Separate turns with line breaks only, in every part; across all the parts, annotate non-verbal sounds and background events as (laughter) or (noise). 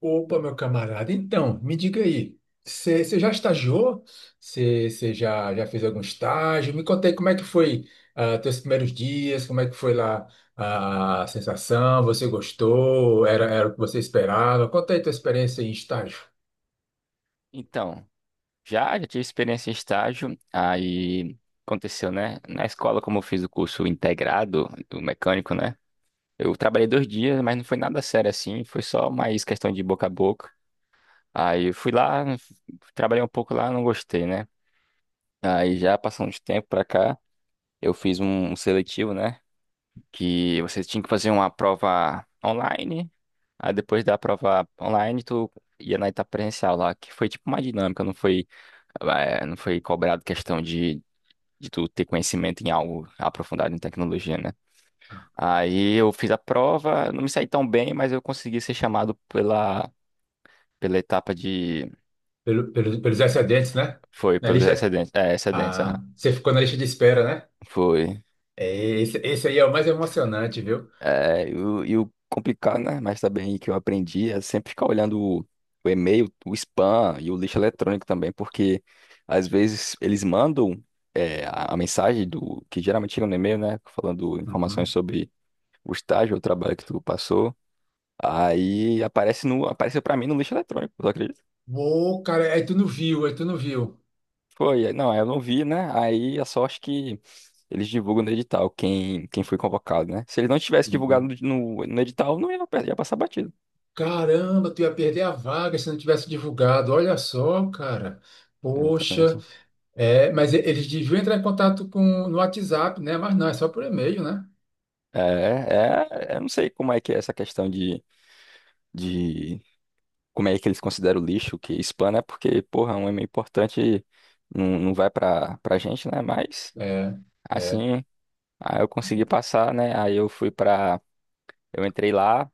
Opa, meu camarada. Então, me diga aí, você já estagiou? Você já fez algum estágio? Me conta aí como é que foi os teus primeiros dias, como é que foi lá, a sensação. Você gostou? Era o que você esperava? Conta aí tua experiência em estágio.
Então, já tive experiência em estágio, aí aconteceu, né? Na escola, como eu fiz o curso integrado do mecânico, né? Eu trabalhei dois dias, mas não foi nada sério assim, foi só mais questão de boca a boca. Aí eu fui lá, trabalhei um pouco lá, não gostei, né? Aí já passando de tempo pra cá, eu fiz um seletivo, né? Que você tinha que fazer uma prova online. Aí depois da prova online, tu ia na etapa presencial lá, que foi tipo uma dinâmica. Não foi não foi cobrado questão de tu ter conhecimento em algo aprofundado em tecnologia, né? Aí eu fiz a prova, não me saí tão bem, mas eu consegui ser chamado pela, pela etapa de.
Pelo, pelo- pelos excedentes, né?
Foi,
Na
pelos
lista,
excedentes. É, excedentes,
ah,
aham.
você ficou na lista de espera, né?
Foi.
É, esse aí é o mais emocionante, viu?
É, e o complicado, né? Mas também que eu aprendi é sempre ficar olhando o e-mail, o spam e o lixo eletrônico também, porque às vezes eles mandam. É, a mensagem do que geralmente chega no e-mail, né, falando informações
Uhum.
sobre o estágio, o trabalho que tu passou. Aí aparece no, apareceu pra mim no lixo eletrônico, tu acredita?
Uou, cara, aí tu não viu.
Foi, não, aí eu não vi, né? Aí a sorte que eles divulgam no edital quem, quem foi convocado, né? Se eles não tivessem divulgado
Uhum.
no, no edital, não ia, ia passar batido.
Caramba, tu ia perder a vaga se não tivesse divulgado. Olha só, cara. Poxa,
Exatamente.
é, mas eles deviam entrar em contato com, no WhatsApp, né? Mas não, é só por e-mail, né?
É, é, eu não sei como é que é essa questão de como é que eles consideram o lixo, que spam, né? Porque, porra, é um e-mail importante, não, não vai pra, pra gente, né? Mas,
É, é.
assim, aí eu consegui passar, né? Aí eu fui pra. Eu entrei lá,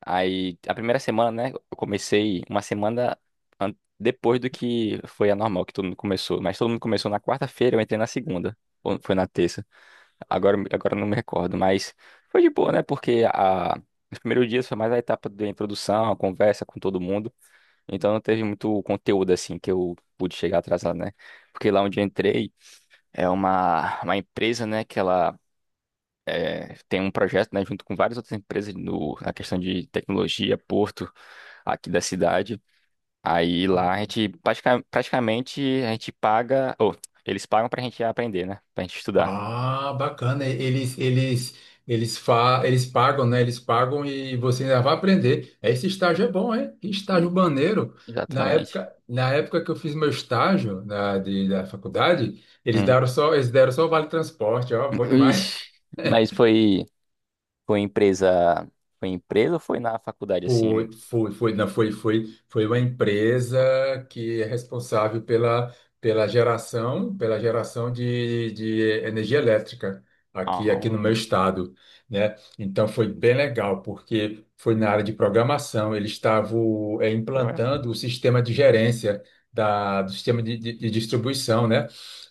aí a primeira semana, né? Eu comecei uma semana depois do que foi a normal, que todo mundo começou. Mas todo mundo começou na quarta-feira, eu entrei na segunda. Ou foi na terça. Agora eu não me recordo, mas foi de boa, né? Porque a, os primeiros dias foi mais a etapa da introdução, a conversa com todo mundo. Então não teve muito conteúdo assim que eu pude chegar atrasado, né? Porque lá onde eu entrei é uma empresa, né? Que ela é, tem um projeto, né, junto com várias outras empresas no, na questão de tecnologia, porto aqui da cidade. Aí lá a gente praticamente a gente paga, ou eles pagam pra gente aprender, né? Pra gente estudar.
Ah, bacana. Eles pagam, né? Eles pagam e você ainda vai aprender. Esse estágio é bom, hein? Que estágio
E-
maneiro. Na
Exatamente.
época, na época que eu fiz meu estágio na, da faculdade,
Hum.
eles deram só o vale transporte, ó, bom demais.
Ixi, mas foi foi empresa, foi empresa ou foi na faculdade assim?
Não, foi uma empresa que é responsável pela, pela geração de energia elétrica
Ah,
aqui no meu
hum.
estado, né? Então foi bem legal, porque foi na área de programação. Eles estavam, é,
Foi mesmo?
implantando o sistema de gerência da, do sistema de distribuição, né?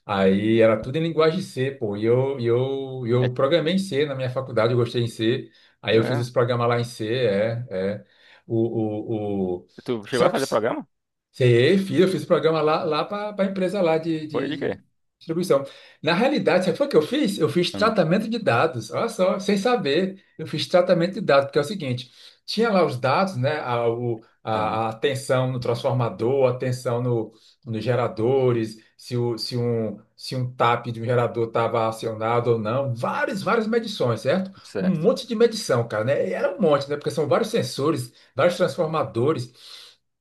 Aí era tudo em linguagem C, pô, e
É,
eu programei em C na minha faculdade, eu gostei em C. Aí
foi
eu fiz
mesmo?
esse programa lá em C, é, é, o...
Tu chegou a
Sabe,
fazer programa?
sei, fiz, eu fiz o programa lá, lá para a empresa lá de,
Foi de quê?
de distribuição. Na realidade, sabe o que eu fiz? Eu fiz
Hum,
tratamento de dados, olha só, sem saber, eu fiz tratamento de dados, porque é o seguinte: tinha lá os dados, né, a,
ah,
a tensão no transformador, a tensão no, nos geradores, se, o, se, um, se um tap de um gerador estava acionado ou não, várias, várias medições, certo? Um
certo.
monte de medição, cara, né? E era um monte, né, porque são vários sensores, vários transformadores.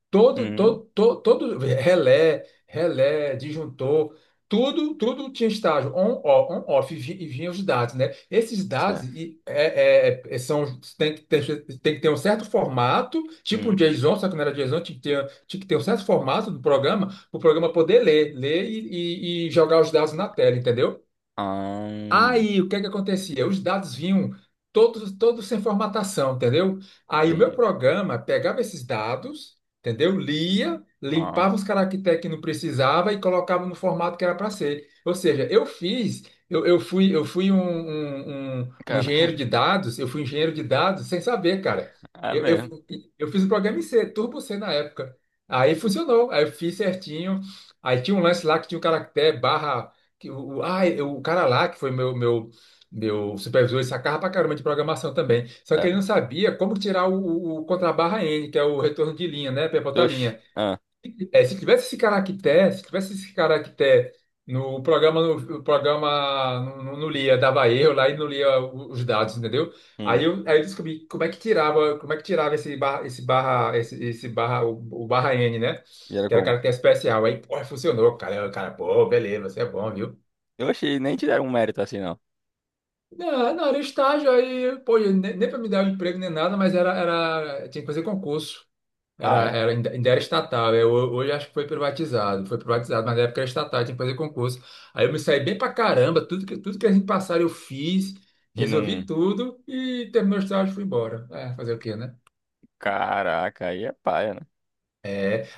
Todo,
Hum,
todo, todo, todo relé, relé, disjuntor, tudo, tudo tinha estágio on, ó, on, off. E e vinha os dados, né? Esses dados,
certo.
e, é, é, é, são, tem que ter um certo formato, tipo um
Hum.
JSON, só que não era JSON. Tinha que ter, tinha que ter um certo formato do programa, para o programa poder ler, ler e, e jogar os dados na tela, entendeu?
Ah,
Aí, o que é que acontecia? Os dados vinham todos, todos sem formatação, entendeu? Aí o meu
entendi.
programa pegava esses dados, entendeu? Lia,
Ah,
limpava os caracteres que não precisava e colocava no formato que era para ser. Ou seja, eu fiz, eu fui um, um
cara,
engenheiro de
(laughs)
dados. Eu fui engenheiro de dados sem saber, cara.
é
Eu,
mesmo.
eu, eu fiz um programa em C, Turbo C na época. Aí funcionou, aí eu fiz certinho. Aí tinha um lance lá que tinha o caractere barra que o, o cara lá, que foi meu, meu, meu supervisor, ele sacava pra caramba de programação também. Só que ele
Cara.
não sabia como tirar o contrabarra N, que é o retorno de linha, né? Pivota
Oxi.
linha.
Ah,
É, se tivesse esse caractere, se tivesse esse caractere no programa, no, o programa não, não lia, dava erro lá e não lia os dados, entendeu?
hum.
Aí eu descobri como é que tirava, como é que tirava esse barra, esse barra, esse barra, o barra N, né?
E era
Que era
como?
caractere especial. Aí, pô, funcionou, cara. Eu, cara, pô, beleza, você é bom, viu?
Oxi, nem te deram um mérito assim, não.
Não, não, era estágio aí, pô, nem, nem para me dar um emprego nem nada, mas era, era, tinha que fazer concurso.
Ah,
Era,
é?
era, ainda era estatal. Eu hoje acho que foi privatizado, mas na época era estatal, tinha que fazer concurso. Aí eu me saí bem pra caramba. Tudo que a gente passaram eu fiz,
E num
resolvi tudo e terminou o estágio e fui embora. É, fazer o quê, né?
caraca, aí é paia, né?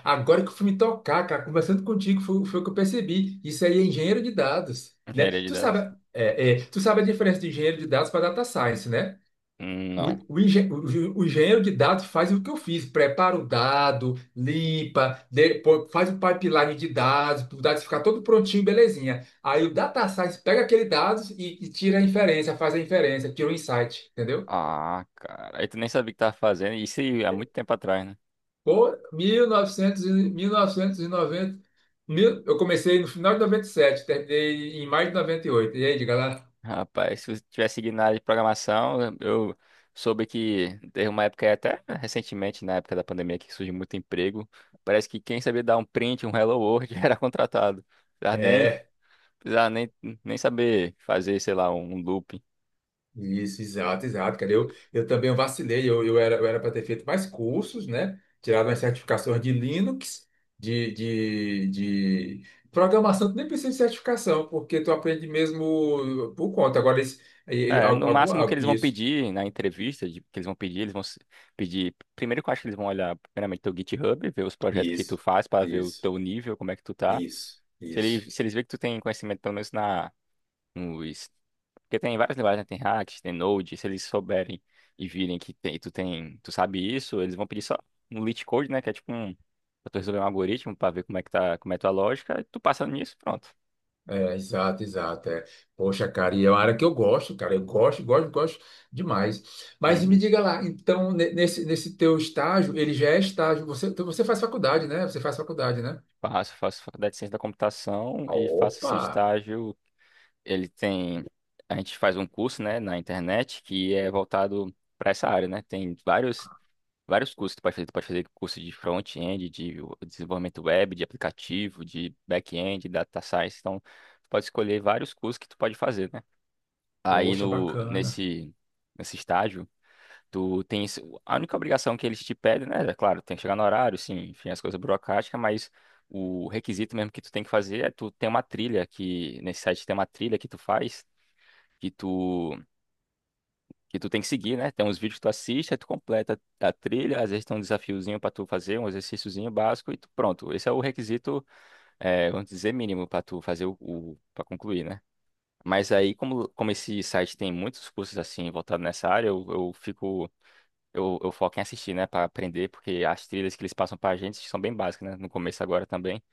Agora que eu fui me tocar, cara, conversando contigo, foi, foi o que eu percebi. Isso aí é engenheiro de dados, né?
Engenharia de
Tu
dados.
sabe, é, é, tu sabe a diferença de engenheiro de dados para data science, né? O,
Não.
o engenheiro de dados faz o que eu fiz, prepara o dado, limpa, de- pô- faz o pipeline de dados, para o dado ficar todo prontinho, belezinha. Aí o data science pega aquele dados e tira a inferência, faz a inferência, tira o insight, entendeu?
Ah, cara. Aí tu nem sabia o que tava fazendo. Isso aí há muito tempo atrás, né?
Pô, 1900, e- 1990, mil- novecentos e noventa, mil, eu comecei no final de noventa e sete, terminei em maio de 98. E oito. E aí, diga lá.
Rapaz, se eu tivesse seguido na área de programação, eu soube que teve uma época, aí, até recentemente, na época da pandemia, que surgiu muito emprego. Parece que quem sabia dar um print, um Hello World, (laughs) era contratado. Tá nem
É.
precisar nem, nem saber fazer, sei lá, um loop.
Isso, exato, exato, cara. Eu também vacilei. Eu era para ter feito mais cursos, né? Tirado as certificações de Linux, de programação. Tu nem precisa de certificação, porque tu aprende mesmo por conta. Agora, esse, ele-
É,
al-
no
alguma,
máximo que
al-
eles vão pedir na entrevista, que eles vão pedir, eles vão pedir. Primeiro que eu acho que eles vão olhar, primeiramente, teu GitHub, ver os projetos que tu
isso,
faz para ver o
isso,
teu nível, como é que tu tá.
isso,
Se
isso.
eles, se eles verem que tu tem conhecimento, pelo menos na, nos. Porque tem várias linguagens, né? Tem React, tem Node. Se eles souberem e virem que tem, tu sabe isso, eles vão pedir só um leet code, né? Que é tipo um. Pra tu resolver um algoritmo pra ver como é que tá, como é a tua lógica, e tu passa nisso, pronto.
É, exato, exato. É. Poxa, cara, e é uma área que eu gosto, cara. Eu gosto, gosto, gosto demais. Mas me
Uhum.
diga lá, então, ne- nesse, nesse teu estágio, ele já é estágio. Você, então você faz faculdade, né? Você faz faculdade, né?
Faço faculdade de ciência da computação
Ah,
e faço esse
opa!
estágio. Ele tem. A gente faz um curso, né, na internet que é voltado para essa área, né? Tem vários, vários cursos que tu pode fazer. Tu pode fazer curso de front-end, de desenvolvimento web, de aplicativo, de back-end, data science. Então, tu pode escolher vários cursos que tu pode fazer, né? Aí
Poxa,
no,
bacana.
nesse, nesse estágio. Tu tens a única obrigação que eles te pedem, né? É claro, tem que chegar no horário, sim, enfim, as coisas burocráticas, mas o requisito mesmo que tu tem que fazer é tu tem uma trilha que nesse site tem uma trilha que tu faz, que tu que tu tem que seguir, né? Tem uns vídeos que tu assiste, aí tu completa a trilha, às vezes tem um desafiozinho pra tu fazer, um exercíciozinho básico e tu, pronto. Esse é o requisito, é, vamos dizer, mínimo pra tu fazer o para concluir, né? Mas aí, como, como esse site tem muitos cursos assim voltados nessa área, eu fico eu foco em assistir, né, pra aprender, porque as trilhas que eles passam pra gente são bem básicas, né, no começo agora também,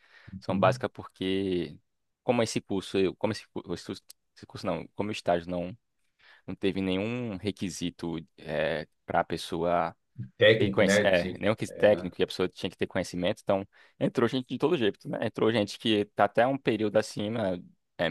são
Uhum.
básicas porque, como esse curso, eu, como esse esse curso não, como o estágio não, não teve nenhum requisito é, para a pessoa e
Técnico,
conhece,
né?
é,
De-
nenhum que
é, né?
técnico e a pessoa tinha que ter conhecimento, então entrou gente de todo jeito, né? Entrou gente que tá até um período acima é,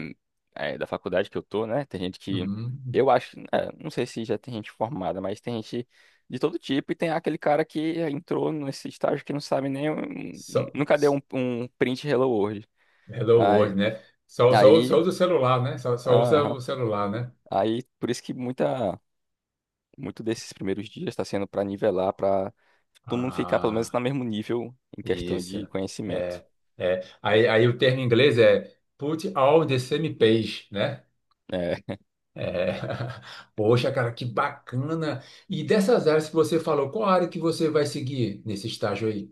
é, da faculdade que eu tô, né? Tem gente que,
Uhum.
eu acho, é, não sei se já tem gente formada, mas tem gente de todo tipo e tem aquele cara que entrou nesse estágio que não sabe nem,
Só,
nunca deu um, um print Hello World.
hello World,
Aí,
né? Só, só, só
aí,
usa o celular, né? Só, só usa
aham,
o celular, né?
aí por isso que muita. Muito desses primeiros dias está sendo para nivelar, para todo mundo ficar pelo menos
Ah.
no mesmo nível em questão
Isso.
de conhecimento.
É, é. Aí, aí o termo em inglês é put all the same page, né?
Né?
É. (laughs) Poxa, cara, que bacana. E dessas áreas que você falou, qual área que você vai seguir nesse estágio aí?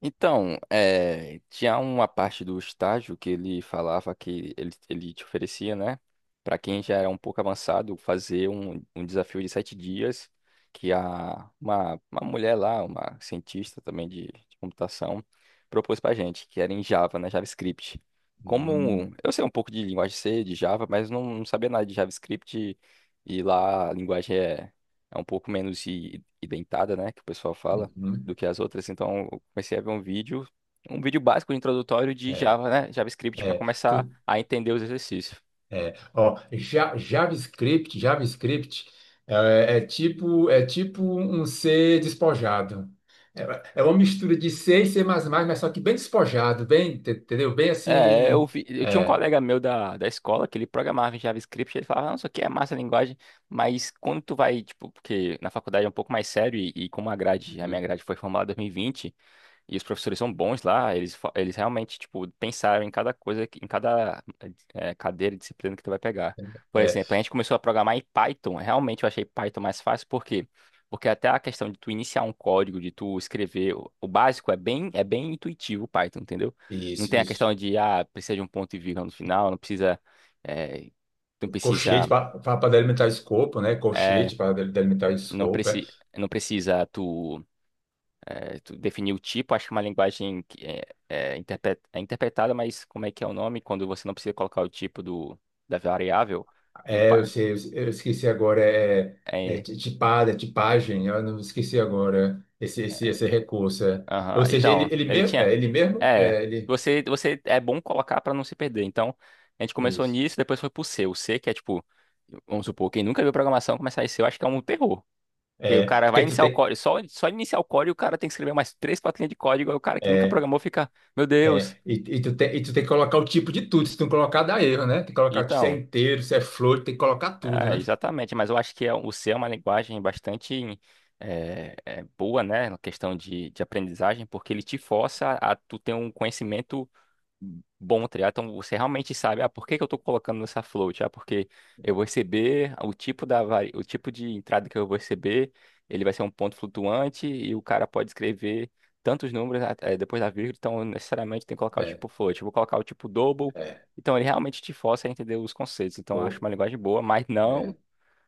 Então, tinha uma parte do estágio que ele falava que ele te oferecia, né? Para quem já era um pouco avançado, fazer um desafio de 7 dias que a, uma mulher lá, uma cientista também de computação, propôs para gente, que era em Java, né? JavaScript. Como
Hum,
eu sei um pouco de linguagem C, de Java, mas não, não sabia nada de JavaScript e lá a linguagem é, é um pouco menos identada, né? Que o pessoal fala do
uhum.
que as outras. Então, eu comecei a ver um vídeo básico introdutório de
É,
Java, né? JavaScript para
é.
começar a entender os exercícios.
É, ó, Ja- JavaScript, JavaScript é, é tipo, é tipo um C despojado. É, é uma mistura de C e C++, mas só que bem despojado, bem, te- entendeu? Bem
É,
assim,
eu vi, eu tinha um
é,
colega meu da, da escola que ele programava em JavaScript. Ele falava, não, isso aqui é massa a linguagem, mas quando tu vai, tipo, porque na faculdade é um pouco mais sério e como a grade, a minha grade foi formada em 2020. E os professores são bons lá, eles, eles realmente, tipo, pensaram em cada coisa, em cada cadeira e disciplina que tu vai pegar. Por
é,
exemplo, a gente começou a programar em Python. Realmente eu achei Python mais fácil, por quê? Porque até a questão de tu iniciar um código, de tu escrever, o básico é bem intuitivo o Python, entendeu? Não
isso,
tem a
isso.
questão de, ah, precisa de um ponto e vírgula no final, não precisa, eh, não
Colchete
precisa,
para delimitar escopo, né?
eh,
Colchete para delimitar
não
escopo. É.
preci, não precisa tu é, tu definir o tipo, acho que é uma linguagem que é, é, é interpretada, mas como é que é o nome? Quando você não precisa colocar o tipo do, da variável no
Eu
pa-
sei, eu esqueci agora, é, é
é,
ti- tipada, tipagem, eu não esqueci agora esse, esse, esse recurso. É.
aham.
Ou seja, ele,
Então,
ele
ele
mesmo, é,
tinha.
ele mesmo,
É,
é, ele.
você, você é bom colocar para não se perder. Então, a gente começou
Isso.
nisso, depois foi pro C. O C, que é tipo, vamos supor, quem nunca viu programação começar em C, eu acho que é um terror. Porque o
É,
cara vai
porque tu
iniciar o
tem.
código, só iniciar o código, o cara tem que escrever mais três, quatro linhas de código, aí o cara que nunca
É,
programou fica, meu Deus.
é, e tu tem que colocar o tipo de tudo. Se tu não colocar, dá erro, né? Tem que colocar se é
Então.
inteiro, se é flor, tem que colocar tudo,
É,
né?
exatamente, mas eu acho que o C é uma linguagem bastante é, é, boa, né, na questão de aprendizagem, porque ele te força a tu ter um conhecimento bom triar, então você realmente sabe, ah, por que que eu estou colocando nessa float? Ah, porque eu vou receber o tipo da vari... o tipo de entrada que eu vou receber, ele vai ser um ponto flutuante e o cara pode escrever tantos números ah, depois da vírgula, então necessariamente tem que colocar o
É,
tipo float. Eu vou colocar o tipo double,
é.
então ele realmente te força a entender os conceitos. Então eu acho
Pô,
uma linguagem boa, mas não
é,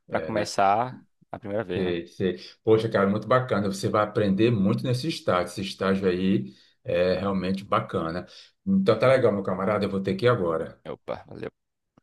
para
é, né?
começar a primeira vez, né?
Sei, sei. Poxa, cara, muito bacana. Você vai aprender muito nesse estágio. Esse estágio aí é realmente bacana. Então tá
Exatamente.
legal, meu camarada. Eu vou ter que ir agora.
Opa, valeu.